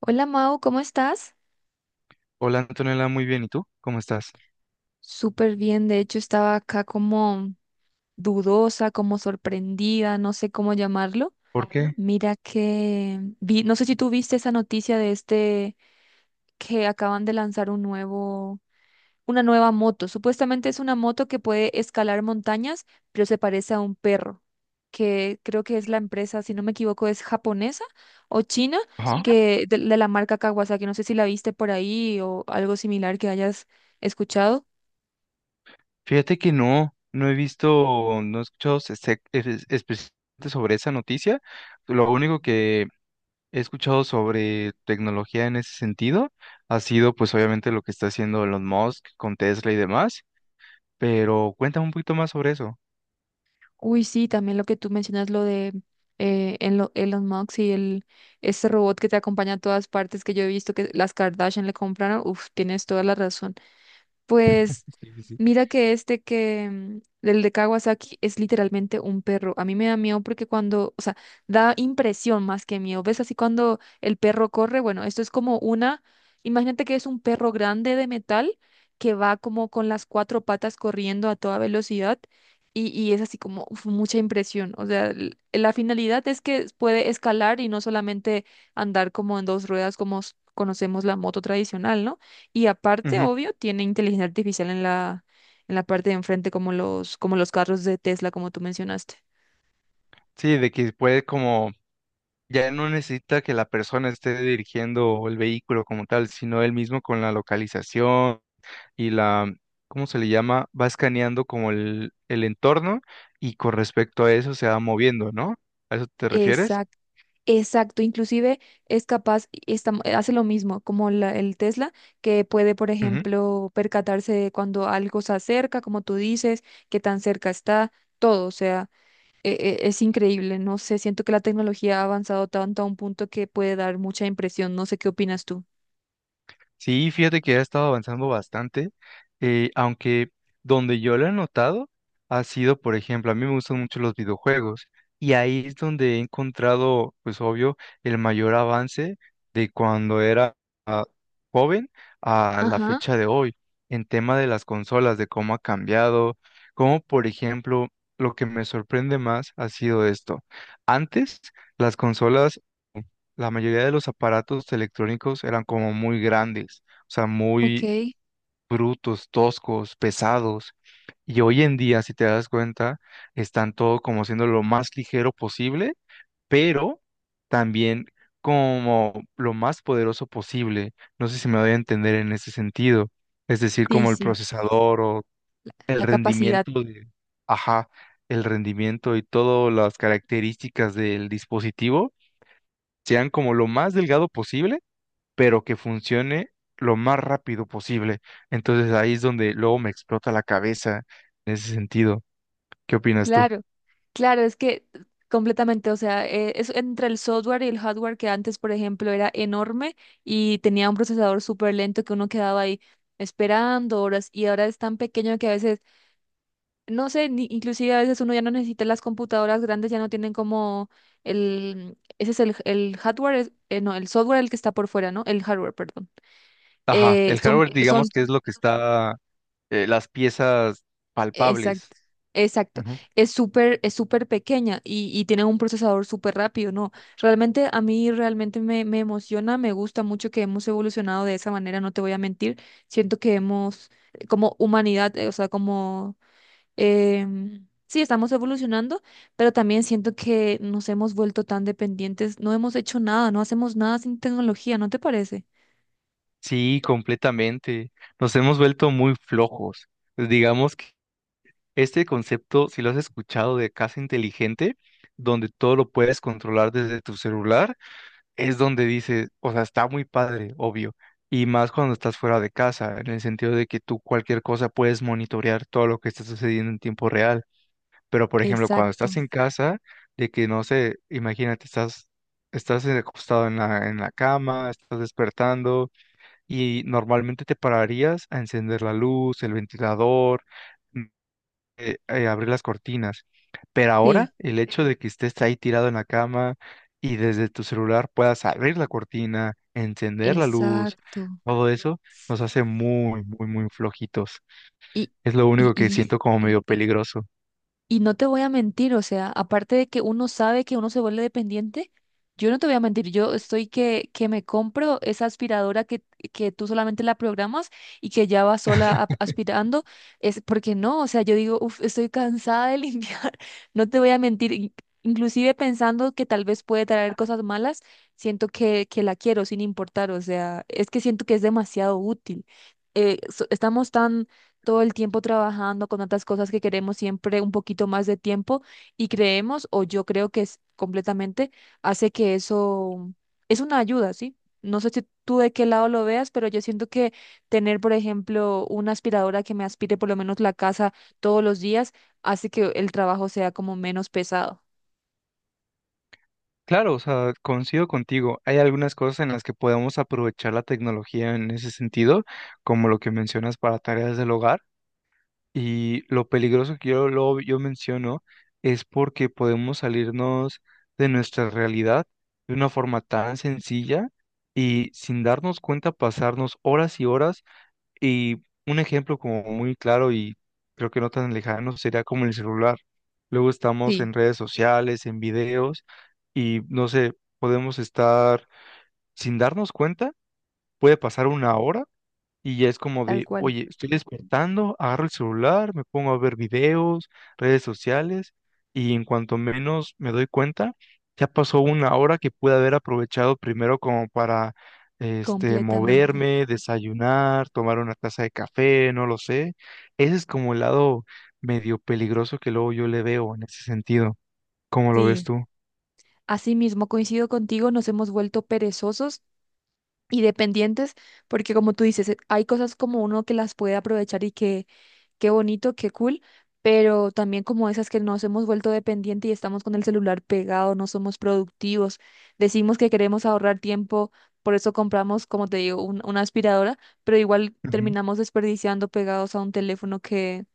Hola Mau, ¿cómo estás? Hola Antonella, muy bien. ¿Y tú? ¿Cómo estás? Súper bien, de hecho estaba acá como dudosa, como sorprendida, no sé cómo llamarlo. ¿Por Bueno, qué? Mira que vi, no sé si tú viste esa noticia de este que acaban de lanzar un nuevo, una nueva moto. Supuestamente es una moto que puede escalar montañas, pero se parece a un perro, que creo que es la empresa, si no me equivoco, es japonesa o china, Ajá. que de la marca Kawasaki. No sé si la viste por ahí o algo similar que hayas escuchado. Fíjate que no he visto, no he escuchado específicamente sobre esa noticia. Lo único que he escuchado sobre tecnología en ese sentido ha sido pues obviamente lo que está haciendo Elon Musk con Tesla y demás, pero cuéntame un poquito más sobre eso. Uy, sí, también lo que tú mencionas, lo de Elon Musk y el, ese robot que te acompaña a todas partes que yo he visto que las Kardashian le compraron, uf, tienes toda la razón. Pues Sí, sí, sí. mira que este que, el de Kawasaki es literalmente un perro. A mí me da miedo porque cuando, o sea, da impresión más que miedo. ¿Ves así cuando el perro corre? Bueno, esto es como una, imagínate que es un perro grande de metal que va como con las cuatro patas corriendo a toda velocidad y es así como uf, mucha impresión. O sea, la finalidad es que puede escalar y no solamente andar como en dos ruedas como conocemos la moto tradicional, ¿no? Y aparte, Ujú. obvio, tiene inteligencia artificial en la parte de enfrente, como los carros de Tesla, como tú mencionaste. Sí, de que puede como, ya no necesita que la persona esté dirigiendo el vehículo como tal, sino él mismo con la localización y la, ¿cómo se le llama? Va escaneando como el entorno y con respecto a eso se va moviendo, ¿no? ¿A eso te refieres? Exacto. Exacto, inclusive es capaz, hace lo mismo como el Tesla, que puede, por ejemplo, percatarse de cuando algo se acerca, como tú dices, qué tan cerca está, todo, o sea, e- es increíble, no sé, siento que la tecnología ha avanzado tanto a un punto que puede dar mucha impresión, no sé qué opinas tú. Sí, fíjate que ha estado avanzando bastante, aunque donde yo lo he notado ha sido, por ejemplo, a mí me gustan mucho los videojuegos y ahí es donde he encontrado, pues obvio, el mayor avance de cuando era ah, joven a la Ajá, fecha de hoy, en tema de las consolas, de cómo ha cambiado, como por ejemplo, lo que me sorprende más ha sido esto. Antes, las consolas la mayoría de los aparatos electrónicos eran como muy grandes, o sea, muy ok, brutos, toscos, pesados. Y hoy en día, si te das cuenta, están todo como siendo lo más ligero posible, pero también como lo más poderoso posible. No sé si me doy a entender en ese sentido. Es decir, sí, como el sí, procesador o el la capacidad. rendimiento de, ajá, el rendimiento y todas las características del dispositivo sean como lo más delgado posible pero que funcione lo más rápido posible. Entonces ahí es donde luego me explota la cabeza en ese sentido. ¿Qué opinas tú? Claro, claro, es que completamente, o sea, es entre el software y el hardware que antes, por ejemplo, era enorme y tenía un procesador súper lento que uno quedaba ahí esperando horas y ahora es tan pequeño que a veces, no sé, ni, inclusive a veces uno ya no necesita las computadoras grandes, ya no tienen como el, ese es el hardware, no, el software el que está por fuera, ¿no? El hardware, perdón. Ajá, el Son, hardware. Son Digamos que es lo que está, las piezas palpables. exacto, exacto. Ujú. Es súper pequeña y tiene un procesador súper rápido, ¿no? Realmente a mí realmente me, me emociona, me gusta mucho que hemos evolucionado de esa manera, no te voy a mentir. Siento que hemos, como humanidad, o sea, como, sí, estamos evolucionando, pero también siento que nos hemos vuelto tan dependientes, no hemos hecho nada, no hacemos nada sin tecnología, ¿no te parece? Sí, completamente. Nos hemos vuelto muy flojos. Pues, digamos que este concepto, si lo has escuchado, de casa inteligente, donde todo lo puedes controlar desde tu celular, es donde dices, o sea, está muy padre, obvio, y más cuando estás fuera de casa, en el sentido de que tú cualquier cosa puedes monitorear todo lo que está sucediendo en tiempo real, pero por ejemplo, cuando estás Exacto, en casa, de que no sé, imagínate, estás, estás acostado en la cama, estás despertando y normalmente te pararías a encender la luz, el ventilador, abrir las cortinas. Pero sí, ahora el hecho de que estés ahí tirado en la cama y desde tu celular puedas abrir la cortina, encender la luz, exacto. todo eso nos hace muy, muy, muy flojitos. Y, Es lo y, único que y siento como medio peligroso. y no te voy a mentir, o sea, aparte de que uno sabe que uno se vuelve dependiente, yo no te voy a mentir, yo estoy que me compro esa aspiradora que tú solamente la programas y que ya va sola aspirando, es porque no, o sea, yo digo, uff, estoy cansada de limpiar, no te voy a mentir, inclusive pensando que tal vez puede traer cosas malas, siento que la quiero sin importar, o sea, es que siento que es demasiado útil. Estamos tan todo el tiempo trabajando con tantas cosas que queremos siempre un poquito más de tiempo y creemos, o yo creo que es completamente, hace que eso es una ayuda, ¿sí? No sé si tú de qué lado lo veas, pero yo siento que tener, por ejemplo, una aspiradora que me aspire por lo menos la casa todos los días hace que el trabajo sea como menos pesado. Claro, o sea, coincido contigo. Hay algunas cosas en las que podemos aprovechar la tecnología en ese sentido, como lo que mencionas para tareas del hogar. Y lo peligroso que yo, lo, yo menciono es porque podemos salirnos de nuestra realidad de una forma tan sencilla y sin darnos cuenta pasarnos horas y horas. Y un ejemplo como muy claro y creo que no tan lejano sería como el celular. Luego estamos Sí, en redes sociales, en videos y no sé, podemos estar sin darnos cuenta, puede pasar una hora y ya es como tal de, cual. oye, estoy despertando, agarro el celular, me pongo a ver videos, redes sociales, y en cuanto menos me doy cuenta, ya pasó una hora que pude haber aprovechado primero como para, este, Completamente. moverme, desayunar, tomar una taza de café, no lo sé. Ese es como el lado medio peligroso que luego yo le veo en ese sentido. ¿Cómo lo ves Sí, tú? así mismo coincido contigo, nos hemos vuelto perezosos y dependientes, porque como tú dices, hay cosas como uno que las puede aprovechar y que qué bonito, qué cool, pero también como esas que nos hemos vuelto dependientes y estamos con el celular pegado, no somos productivos, decimos que queremos ahorrar tiempo, por eso compramos, como te digo, una aspiradora, pero igual Ujú, terminamos desperdiciando pegados a un teléfono que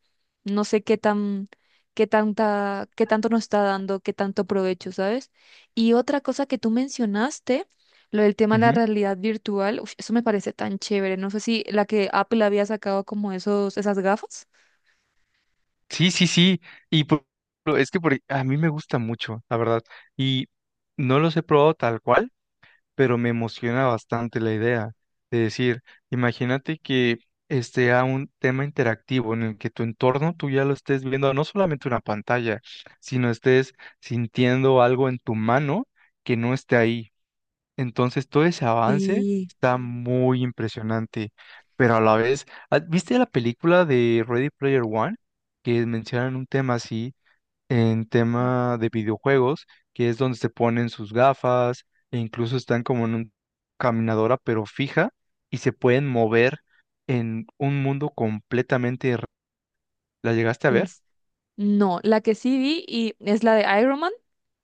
no sé qué tan, qué tanta, qué tanto nos está dando, qué tanto provecho, ¿sabes? Y otra cosa que tú mencionaste, lo del tema de la ujú. realidad virtual, uf, eso me parece tan chévere. No sé si la que Apple había sacado como esos, esas gafas. Sí, sí, sí. Y es que a mí me gusta mucho, la verdad. Y no los he probado tal cual, pero me emociona bastante la idea de decir, imagínate que a un tema interactivo en el que tu entorno tú ya lo estés viendo, no solamente una pantalla, sino estés sintiendo algo en tu mano que no esté ahí. Entonces, todo ese avance Sí. está muy impresionante, pero a la vez, ¿viste la película de Ready Player One? Que mencionan un tema así, en tema de videojuegos, que es donde se ponen sus gafas e incluso están como en una caminadora, pero fija, y se pueden mover en un mundo completamente... ¿La llegaste a ver? es- No, la que sí vi y es la de Iron Man.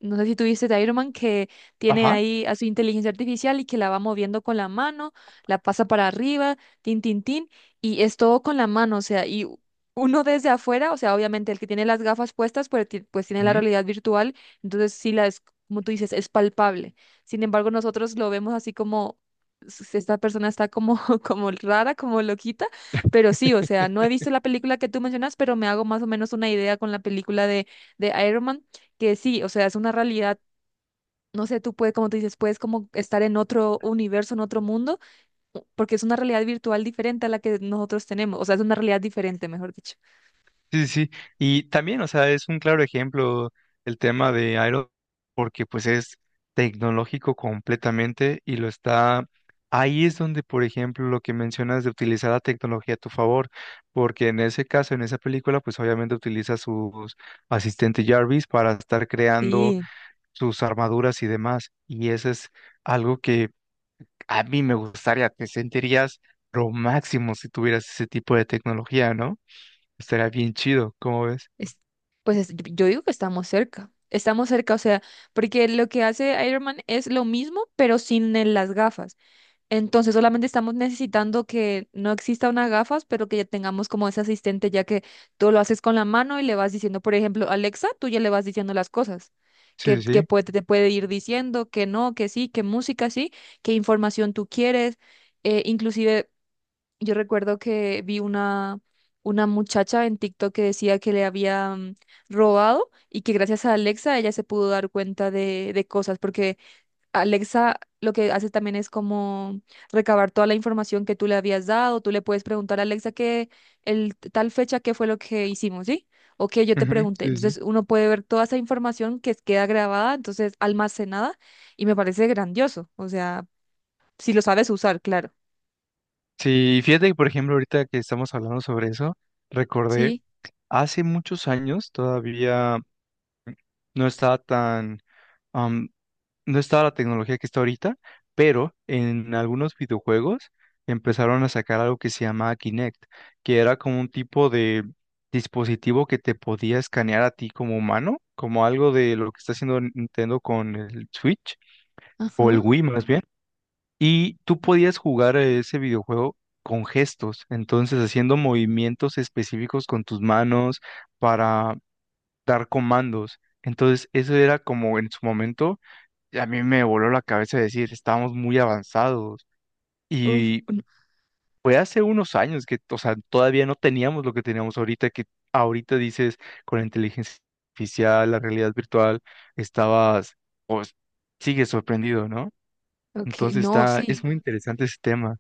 No sé si tú viste de Iron Man que tiene Ajá. ahí a su inteligencia artificial y que la va moviendo con la mano, la pasa para arriba, tin, tin, tin, y es todo con la mano, o sea, uno desde afuera, o sea, obviamente el que tiene las gafas puestas, pues, pues tiene la realidad virtual, entonces sí la es, como tú dices, es palpable. Sin embargo, nosotros lo vemos así como, esta persona está como, como rara, como loquita. Pero sí, o sea, no he visto la película que tú mencionas, pero me hago más o menos una idea con la película de Iron Man, que sí, o sea, es una realidad, no sé, tú puedes, como tú dices, puedes como estar en otro universo, en otro mundo, porque es una realidad virtual diferente a la que nosotros tenemos, o sea, es una realidad diferente, mejor dicho. Sí, sí, sí. Y también, o sea, es un claro ejemplo el tema de Aero, porque pues es tecnológico completamente y lo está... Ahí es donde, por ejemplo, lo que mencionas de utilizar la tecnología a tu favor, porque en ese caso, en esa película, pues obviamente utiliza su asistente Jarvis para estar creando Sí, sus armaduras y demás. Y eso es algo que a mí me gustaría, te sentirías lo máximo si tuvieras ese tipo de tecnología, ¿no? Estaría bien chido, ¿cómo ves? es- yo digo que estamos cerca, o sea, porque lo que hace Iron Man es lo mismo, pero sin las gafas. Entonces solamente estamos necesitando que no exista una gafas, pero que ya tengamos como ese asistente, ya que tú lo haces con la mano y le vas diciendo, por ejemplo, Alexa, tú ya le vas diciendo las cosas, Sí, sí, que sí. puede, te puede ir diciendo que no, que sí, que música sí, qué información tú quieres. Inclusive yo recuerdo que vi una muchacha en TikTok que decía que le habían robado y que gracias a Alexa ella se pudo dar cuenta de cosas, porque Alexa lo que hace también es como recabar toda la información que tú le habías dado. Tú le puedes preguntar a Alexa que tal fecha qué fue lo que hicimos, ¿sí? O que yo te Ujú. pregunté. Sí, sí. Entonces uno puede ver toda esa información que queda grabada, entonces almacenada, y me parece grandioso. O sea, si lo sabes usar, claro. Sí, fíjate que, por ejemplo, ahorita que estamos hablando sobre eso, recordé Sí, hace muchos años, todavía no estaba tan, am, no estaba la tecnología que está ahorita, pero en algunos videojuegos empezaron a sacar algo que se llama Kinect, que era como un tipo de dispositivo que te podía escanear a ti como humano, como algo de lo que está haciendo Nintendo con el Switch o el ajá. Wii más bien. Y tú podías jugar a ese videojuego con gestos, entonces haciendo movimientos específicos con tus manos para dar comandos. Entonces eso era como en su momento, a mí me voló la cabeza decir, estábamos muy avanzados. Uf, Y fue hace unos años que, o sea, todavía no teníamos lo que teníamos ahorita, que ahorita dices con la inteligencia artificial, la realidad virtual, estabas, pues, sigues sorprendido, ¿no? ok, Entonces no, está, es sí. muy interesante ese tema.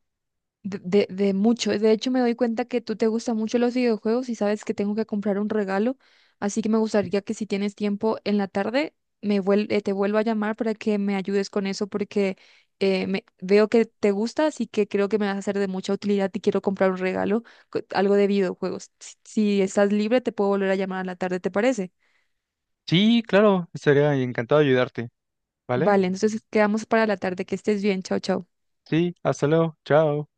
De mucho. De hecho, me doy cuenta que tú te gustan mucho los videojuegos y sabes que tengo que comprar un regalo. Así que me gustaría que si tienes tiempo en la tarde, te vuelva a llamar para que me ayudes con eso porque veo que te gusta, así que creo que me vas a ser de mucha utilidad y quiero comprar un regalo, algo de videojuegos. Si, si estás libre, te puedo volver a llamar a la tarde, ¿te parece? Sí, claro, estaría encantado de ayudarte, ¿vale? Vale, entonces quedamos para la tarde. Que estés bien. Chao, chao. Sí, hasta luego, chao.